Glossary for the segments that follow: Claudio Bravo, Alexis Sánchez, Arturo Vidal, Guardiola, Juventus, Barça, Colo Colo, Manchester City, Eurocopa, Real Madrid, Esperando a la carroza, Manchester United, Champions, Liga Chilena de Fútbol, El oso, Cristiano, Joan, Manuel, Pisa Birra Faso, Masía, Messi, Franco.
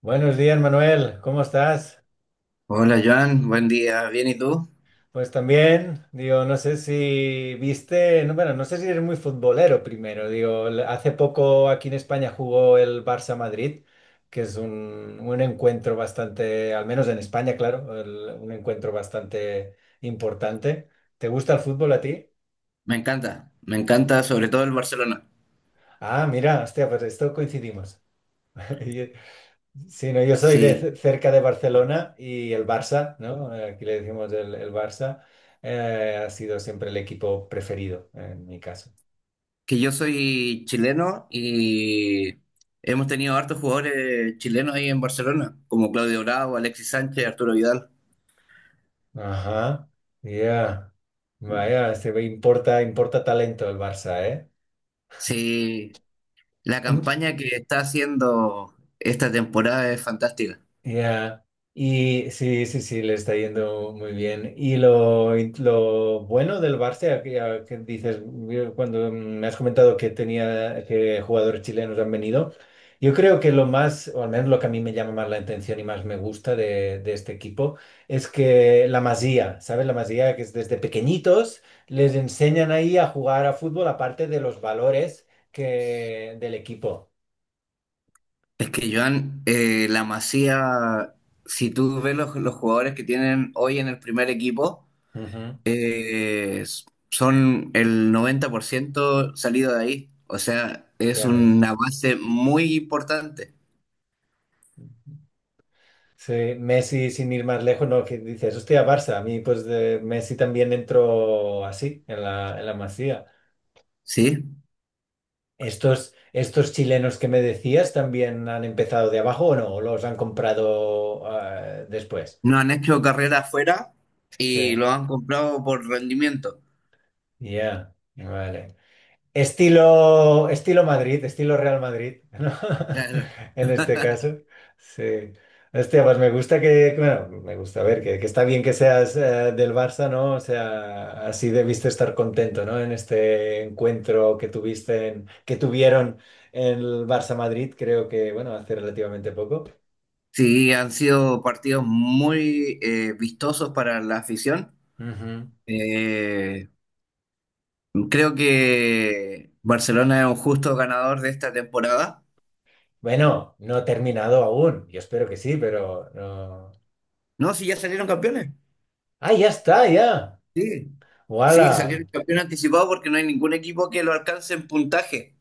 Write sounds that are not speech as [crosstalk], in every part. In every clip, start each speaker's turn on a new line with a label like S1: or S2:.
S1: Buenos días, Manuel. ¿Cómo estás?
S2: Hola Joan, buen día, bien, ¿y tú?
S1: Pues también, digo, no sé si viste, no, bueno, no sé si eres muy futbolero primero. Digo, hace poco aquí en España jugó el Barça Madrid, que es un encuentro bastante, al menos en España, claro, un encuentro bastante importante. ¿Te gusta el fútbol a ti?
S2: Me encanta sobre todo el Barcelona.
S1: Ah, mira, hostia, pues esto coincidimos. [laughs] Sí, no, yo soy de
S2: Sí,
S1: cerca de Barcelona y el Barça, ¿no? Aquí le decimos el Barça, ha sido siempre el equipo preferido en mi caso.
S2: que yo soy chileno y hemos tenido hartos jugadores chilenos ahí en Barcelona, como Claudio Bravo, Alexis Sánchez, Arturo Vidal.
S1: Ajá, ya. Vaya, se ve, importa talento el Barça, ¿eh?
S2: Sí, la campaña que está haciendo esta temporada es fantástica.
S1: Ya. Y sí, sí, sí, le está yendo muy bien. Y lo bueno del Barça, a que dices, cuando me has comentado que jugadores chilenos han venido, yo creo que lo más, o al menos lo que a mí me llama más la atención y más me gusta de este equipo, es que la Masía, ¿sabes? La Masía, que es desde pequeñitos, les enseñan ahí a jugar a fútbol, aparte de los valores que, del equipo.
S2: Es que Joan, la Masía, si tú ves los jugadores que tienen hoy en el primer equipo,
S1: Ujú.
S2: eh, son el 90% salido de ahí. O sea, es
S1: Ya ves.
S2: una base muy importante,
S1: Sí, Messi sin ir más lejos, no, que dices, hostia, Barça, a mí pues de Messi también entró así, en la Masía.
S2: ¿sí?
S1: ¿Estos chilenos que me decías también han empezado de abajo o no? ¿O los han comprado después?
S2: No han hecho carrera afuera
S1: Sí,
S2: y lo han comprado por rendimiento.
S1: ya. Vale. Estilo, estilo Madrid, estilo Real Madrid, ¿no?
S2: Claro.
S1: [laughs] En este caso, sí. Hostia, pues me gusta que, bueno, me gusta ver que está bien que seas del Barça, ¿no? O sea, así debiste estar contento, ¿no? En este encuentro que tuviste, que tuvieron en el Barça Madrid, creo que, bueno, hace relativamente poco.
S2: Sí, han sido partidos muy vistosos para la afición.
S1: Ujú.
S2: Eh, Creo que Barcelona es un justo ganador de esta temporada.
S1: Bueno, no he terminado aún. Yo espero que sí, pero no.
S2: No, si ya salieron campeones.
S1: Ah, ya está, ya.
S2: Sí, sí,
S1: ¡Wala!
S2: salieron campeón anticipado porque no hay ningún equipo que lo alcance en puntaje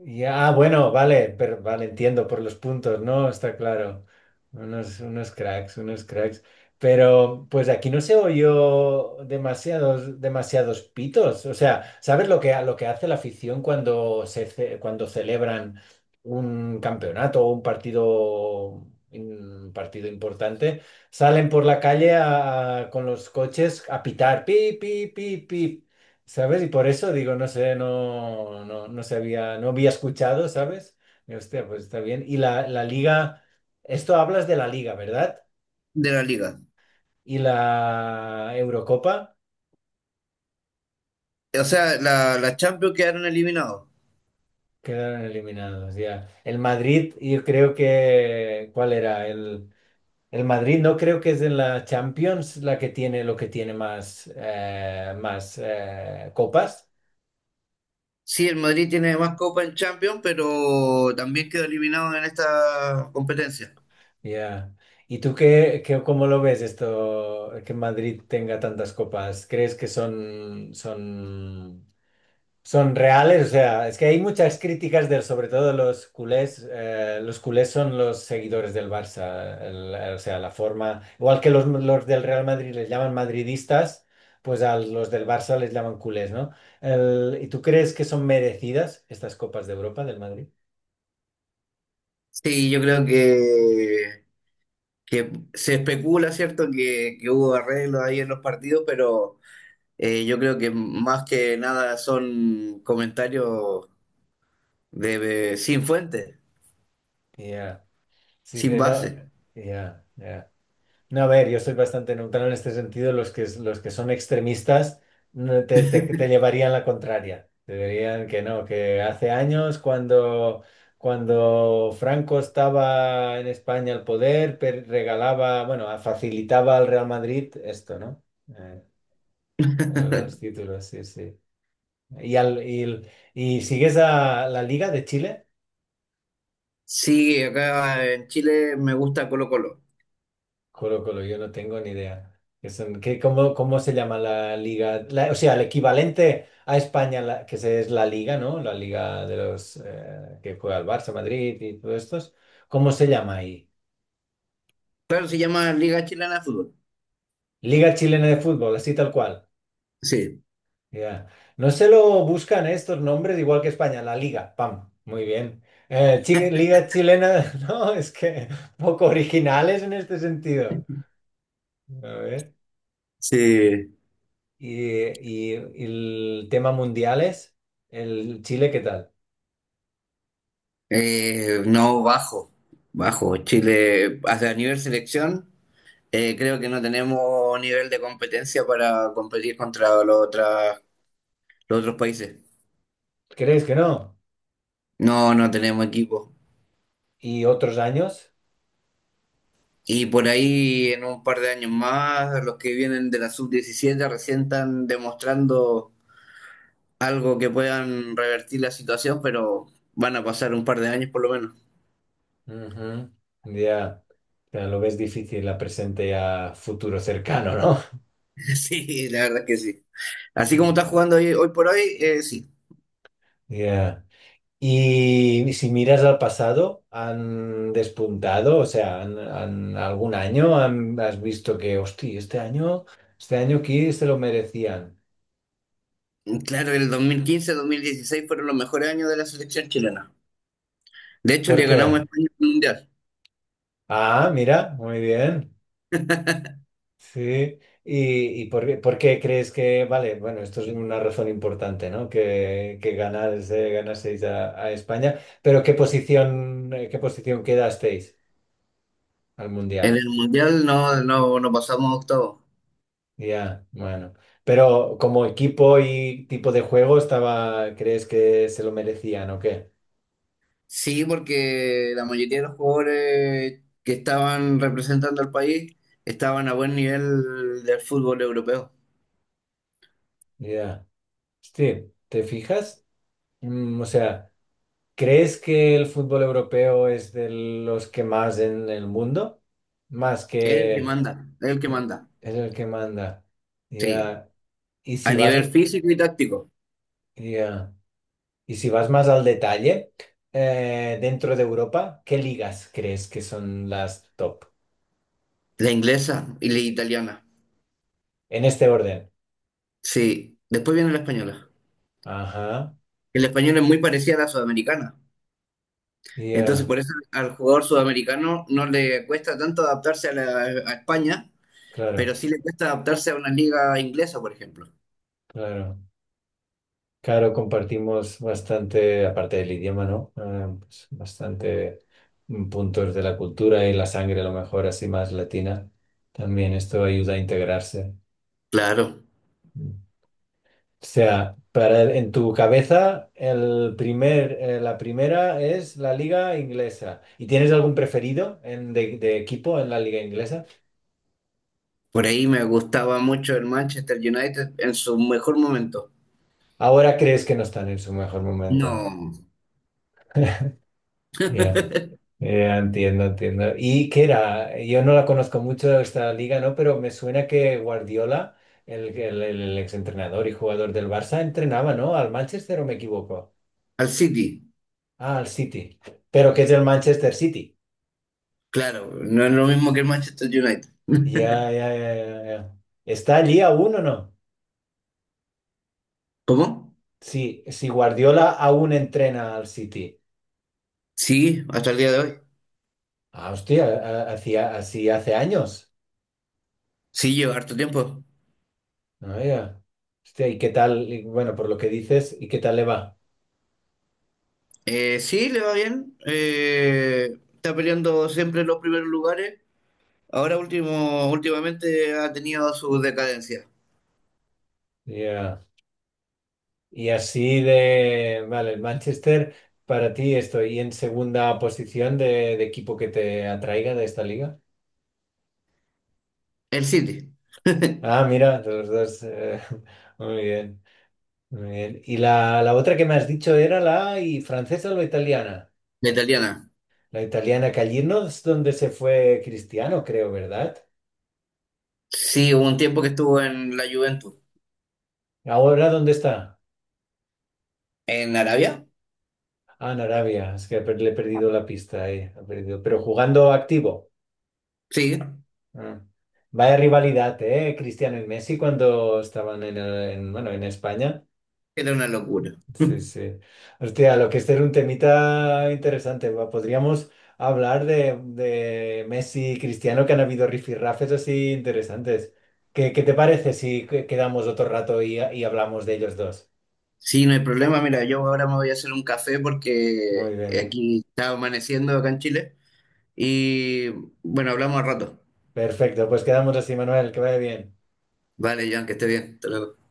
S1: Ya, bueno, vale, pero vale, entiendo por los puntos, ¿no? Está claro. Unos, unos cracks, unos cracks. Pero pues aquí no se oyó demasiados, demasiados pitos. O sea, ¿sabes lo que hace la afición cuando cuando celebran un campeonato o un partido importante? Salen por la calle con los coches a pitar, pi, pi, pi, pi. ¿Sabes? Y por eso digo, no sé, no sabía, no había escuchado, ¿sabes? Y hostia, pues está bien. Y la liga, esto hablas de la liga, ¿verdad?
S2: de la liga.
S1: Y la Eurocopa
S2: O sea, la Champions quedaron eliminados.
S1: quedaron eliminados, ya. El Madrid, yo creo que, ¿cuál era? El Madrid no creo que es en la Champions la que tiene lo que tiene más, más copas.
S2: Sí, el Madrid tiene más copa en Champions, pero también quedó eliminado en esta competencia.
S1: Ya. ¿Y tú cómo lo ves esto, que Madrid tenga tantas copas? ¿Crees que son reales? O sea, es que hay muchas críticas del, sobre todo los culés. Los culés son los seguidores del Barça. O sea, la forma, igual que los del Real Madrid les llaman madridistas, pues a los del Barça les llaman culés, ¿no? ¿Y tú crees que son merecidas estas copas de Europa del Madrid?
S2: Sí, yo creo que, se especula, ¿cierto?, que, hubo arreglos ahí en los partidos, pero yo creo que más que nada son comentarios sin fuente,
S1: Ya. Sí,
S2: sin
S1: no.
S2: base.
S1: Ya, ya. No, a ver, yo estoy bastante neutral en este sentido. Los que son extremistas no, te llevarían la contraria. Te dirían que no, que hace años cuando Franco estaba en España al poder, regalaba, bueno, facilitaba al Real Madrid esto, ¿no? Eh,
S2: [laughs]
S1: los títulos, sí, sí. Y sigues a la Liga de Chile.
S2: Sí, acá en Chile me gusta Colo Colo.
S1: Colo Colo, yo no tengo ni idea. ¿Cómo, se llama la liga? O sea, el equivalente a España, es la liga, ¿no? La liga de los que juega el Barça, Madrid y todos estos. ¿Cómo se llama ahí?
S2: Claro, se llama Liga Chilena de Fútbol.
S1: Liga Chilena de Fútbol, así tal cual.
S2: Sí,
S1: Ya. No se lo buscan estos nombres, igual que España, la liga. Pam, muy bien. Liga Chilena, [laughs] no, es que poco originales en este sentido. A ver.
S2: sí.
S1: Y, y el tema mundiales, el Chile, ¿qué tal?
S2: No, bajo, bajo. Chile, hasta a nivel selección, creo que no tenemos nivel de competencia para competir contra los otros países.
S1: ¿Crees que no?
S2: No, no tenemos equipo.
S1: ¿Y otros años?
S2: Y por ahí, en un par de años más, los que vienen de la sub 17 recién están demostrando algo que puedan revertir la situación, pero van a pasar un par de años por lo menos.
S1: Ujú. Ya. Ya lo ves difícil a presente y a futuro cercano, ¿no?
S2: [laughs] Sí, la verdad es que sí. Así
S1: Mm.
S2: como está jugando hoy, hoy por hoy, sí.
S1: Ya. Y si miras al pasado, ¿han despuntado? O sea, ¿ algún año has visto que, hostia, este año aquí se lo merecían?
S2: Claro, el 2015-2016 fueron los mejores años de la selección chilena. De hecho,
S1: ¿Por
S2: le ganamos a
S1: qué?
S2: España en el Mundial.
S1: Ah, mira, muy bien. Sí, ¿por qué crees que, vale, bueno, esto es una razón importante, ¿no? Que ganás, ganaseis a España, pero ¿qué posición, quedasteis al
S2: En
S1: Mundial?
S2: el Mundial no, no, no pasamos a octavos.
S1: Ya, bueno, pero como equipo y tipo de juego estaba, ¿crees que se lo merecían o qué?
S2: Sí, porque la mayoría de los jugadores que estaban representando al país estaban a buen nivel del fútbol europeo.
S1: Ya, sí, ¿te fijas? Mm, o sea, ¿crees que el fútbol europeo es de los que más en el mundo? Más
S2: Es el que
S1: que...
S2: manda, es el que
S1: eh,
S2: manda.
S1: es el que manda.
S2: Sí.
S1: Ya. Y
S2: A
S1: si vas,
S2: nivel físico y táctico,
S1: ya. Y si vas más al detalle, dentro de Europa, ¿qué ligas crees que son las top?
S2: la inglesa y la italiana.
S1: En este orden.
S2: Sí, después viene la española.
S1: Ajá.
S2: El español es muy parecida a la sudamericana. Entonces,
S1: Ya.
S2: por eso al jugador sudamericano no le cuesta tanto adaptarse a España,
S1: Claro,
S2: pero sí le cuesta adaptarse a una liga inglesa, por ejemplo.
S1: claro. Claro, compartimos bastante, aparte del idioma, ¿no? Pues, bastante puntos de la cultura y la sangre, a lo mejor así más latina. También esto ayuda a integrarse.
S2: Claro,
S1: O sea, en tu cabeza la primera es la liga inglesa. ¿Y tienes algún preferido de, equipo en la liga inglesa?
S2: por ahí me gustaba mucho el Manchester United en su mejor momento.
S1: Ahora crees que no están en su mejor momento.
S2: No,
S1: Ya,
S2: [laughs]
S1: ya, entiendo, entiendo. ¿Y qué era? Yo no la conozco mucho esta liga, ¿no? Pero me suena que Guardiola, el exentrenador y jugador del Barça, entrenaba, ¿no? Al Manchester o me equivoco.
S2: al City.
S1: Ah, al City. Pero que es el Manchester City.
S2: Claro, no es lo mismo que el Manchester United.
S1: Ya,
S2: [laughs]
S1: ya, ya, ya, ya. ¿Está allí aún o no?
S2: ¿Cómo?
S1: Sí, si Guardiola aún entrena al City.
S2: Sí, hasta el día de hoy.
S1: Ah, hostia, hacía así hace años.
S2: Sí, lleva harto tiempo.
S1: Ah, ya. Hostia, ¿y qué tal? Y bueno, por lo que dices, ¿y qué tal le va?
S2: Sí, le va bien. Está peleando siempre en los primeros lugares. Ahora último, últimamente ha tenido su decadencia.
S1: Ya. Y así de, vale, el Manchester, para ti estoy en segunda posición de, equipo que te atraiga de esta liga.
S2: El City, [laughs]
S1: Ah, mira, los dos. [laughs] Muy bien, muy bien. ¿Y la otra que me has dicho era la francesa o la italiana?
S2: la italiana.
S1: La italiana Callirno es donde se fue Cristiano, creo, ¿verdad?
S2: Sí, hubo un tiempo que estuvo en la Juventus.
S1: Ahora, ¿dónde está?
S2: ¿En Arabia?
S1: Ah, en Arabia. Es que le he perdido la pista ahí. Ha perdido. Pero jugando activo.
S2: Sí,
S1: Ah. Vaya rivalidad, ¿eh? Cristiano y Messi cuando estaban en, bueno, en España.
S2: era una locura.
S1: Sí,
S2: [laughs]
S1: sí. Hostia, lo que este era un temita interesante. Va, podríamos hablar de, Messi y Cristiano, que han habido rifirrafes así interesantes. ¿Qué te parece si quedamos otro rato y hablamos de ellos dos?
S2: Sí, no hay problema. Mira, yo ahora me voy a hacer un café porque
S1: Muy bien.
S2: aquí está amaneciendo acá en Chile. Y bueno, hablamos al rato.
S1: Perfecto, pues quedamos así, Manuel, que vaya bien.
S2: Vale, Jan, que esté bien. Hasta luego.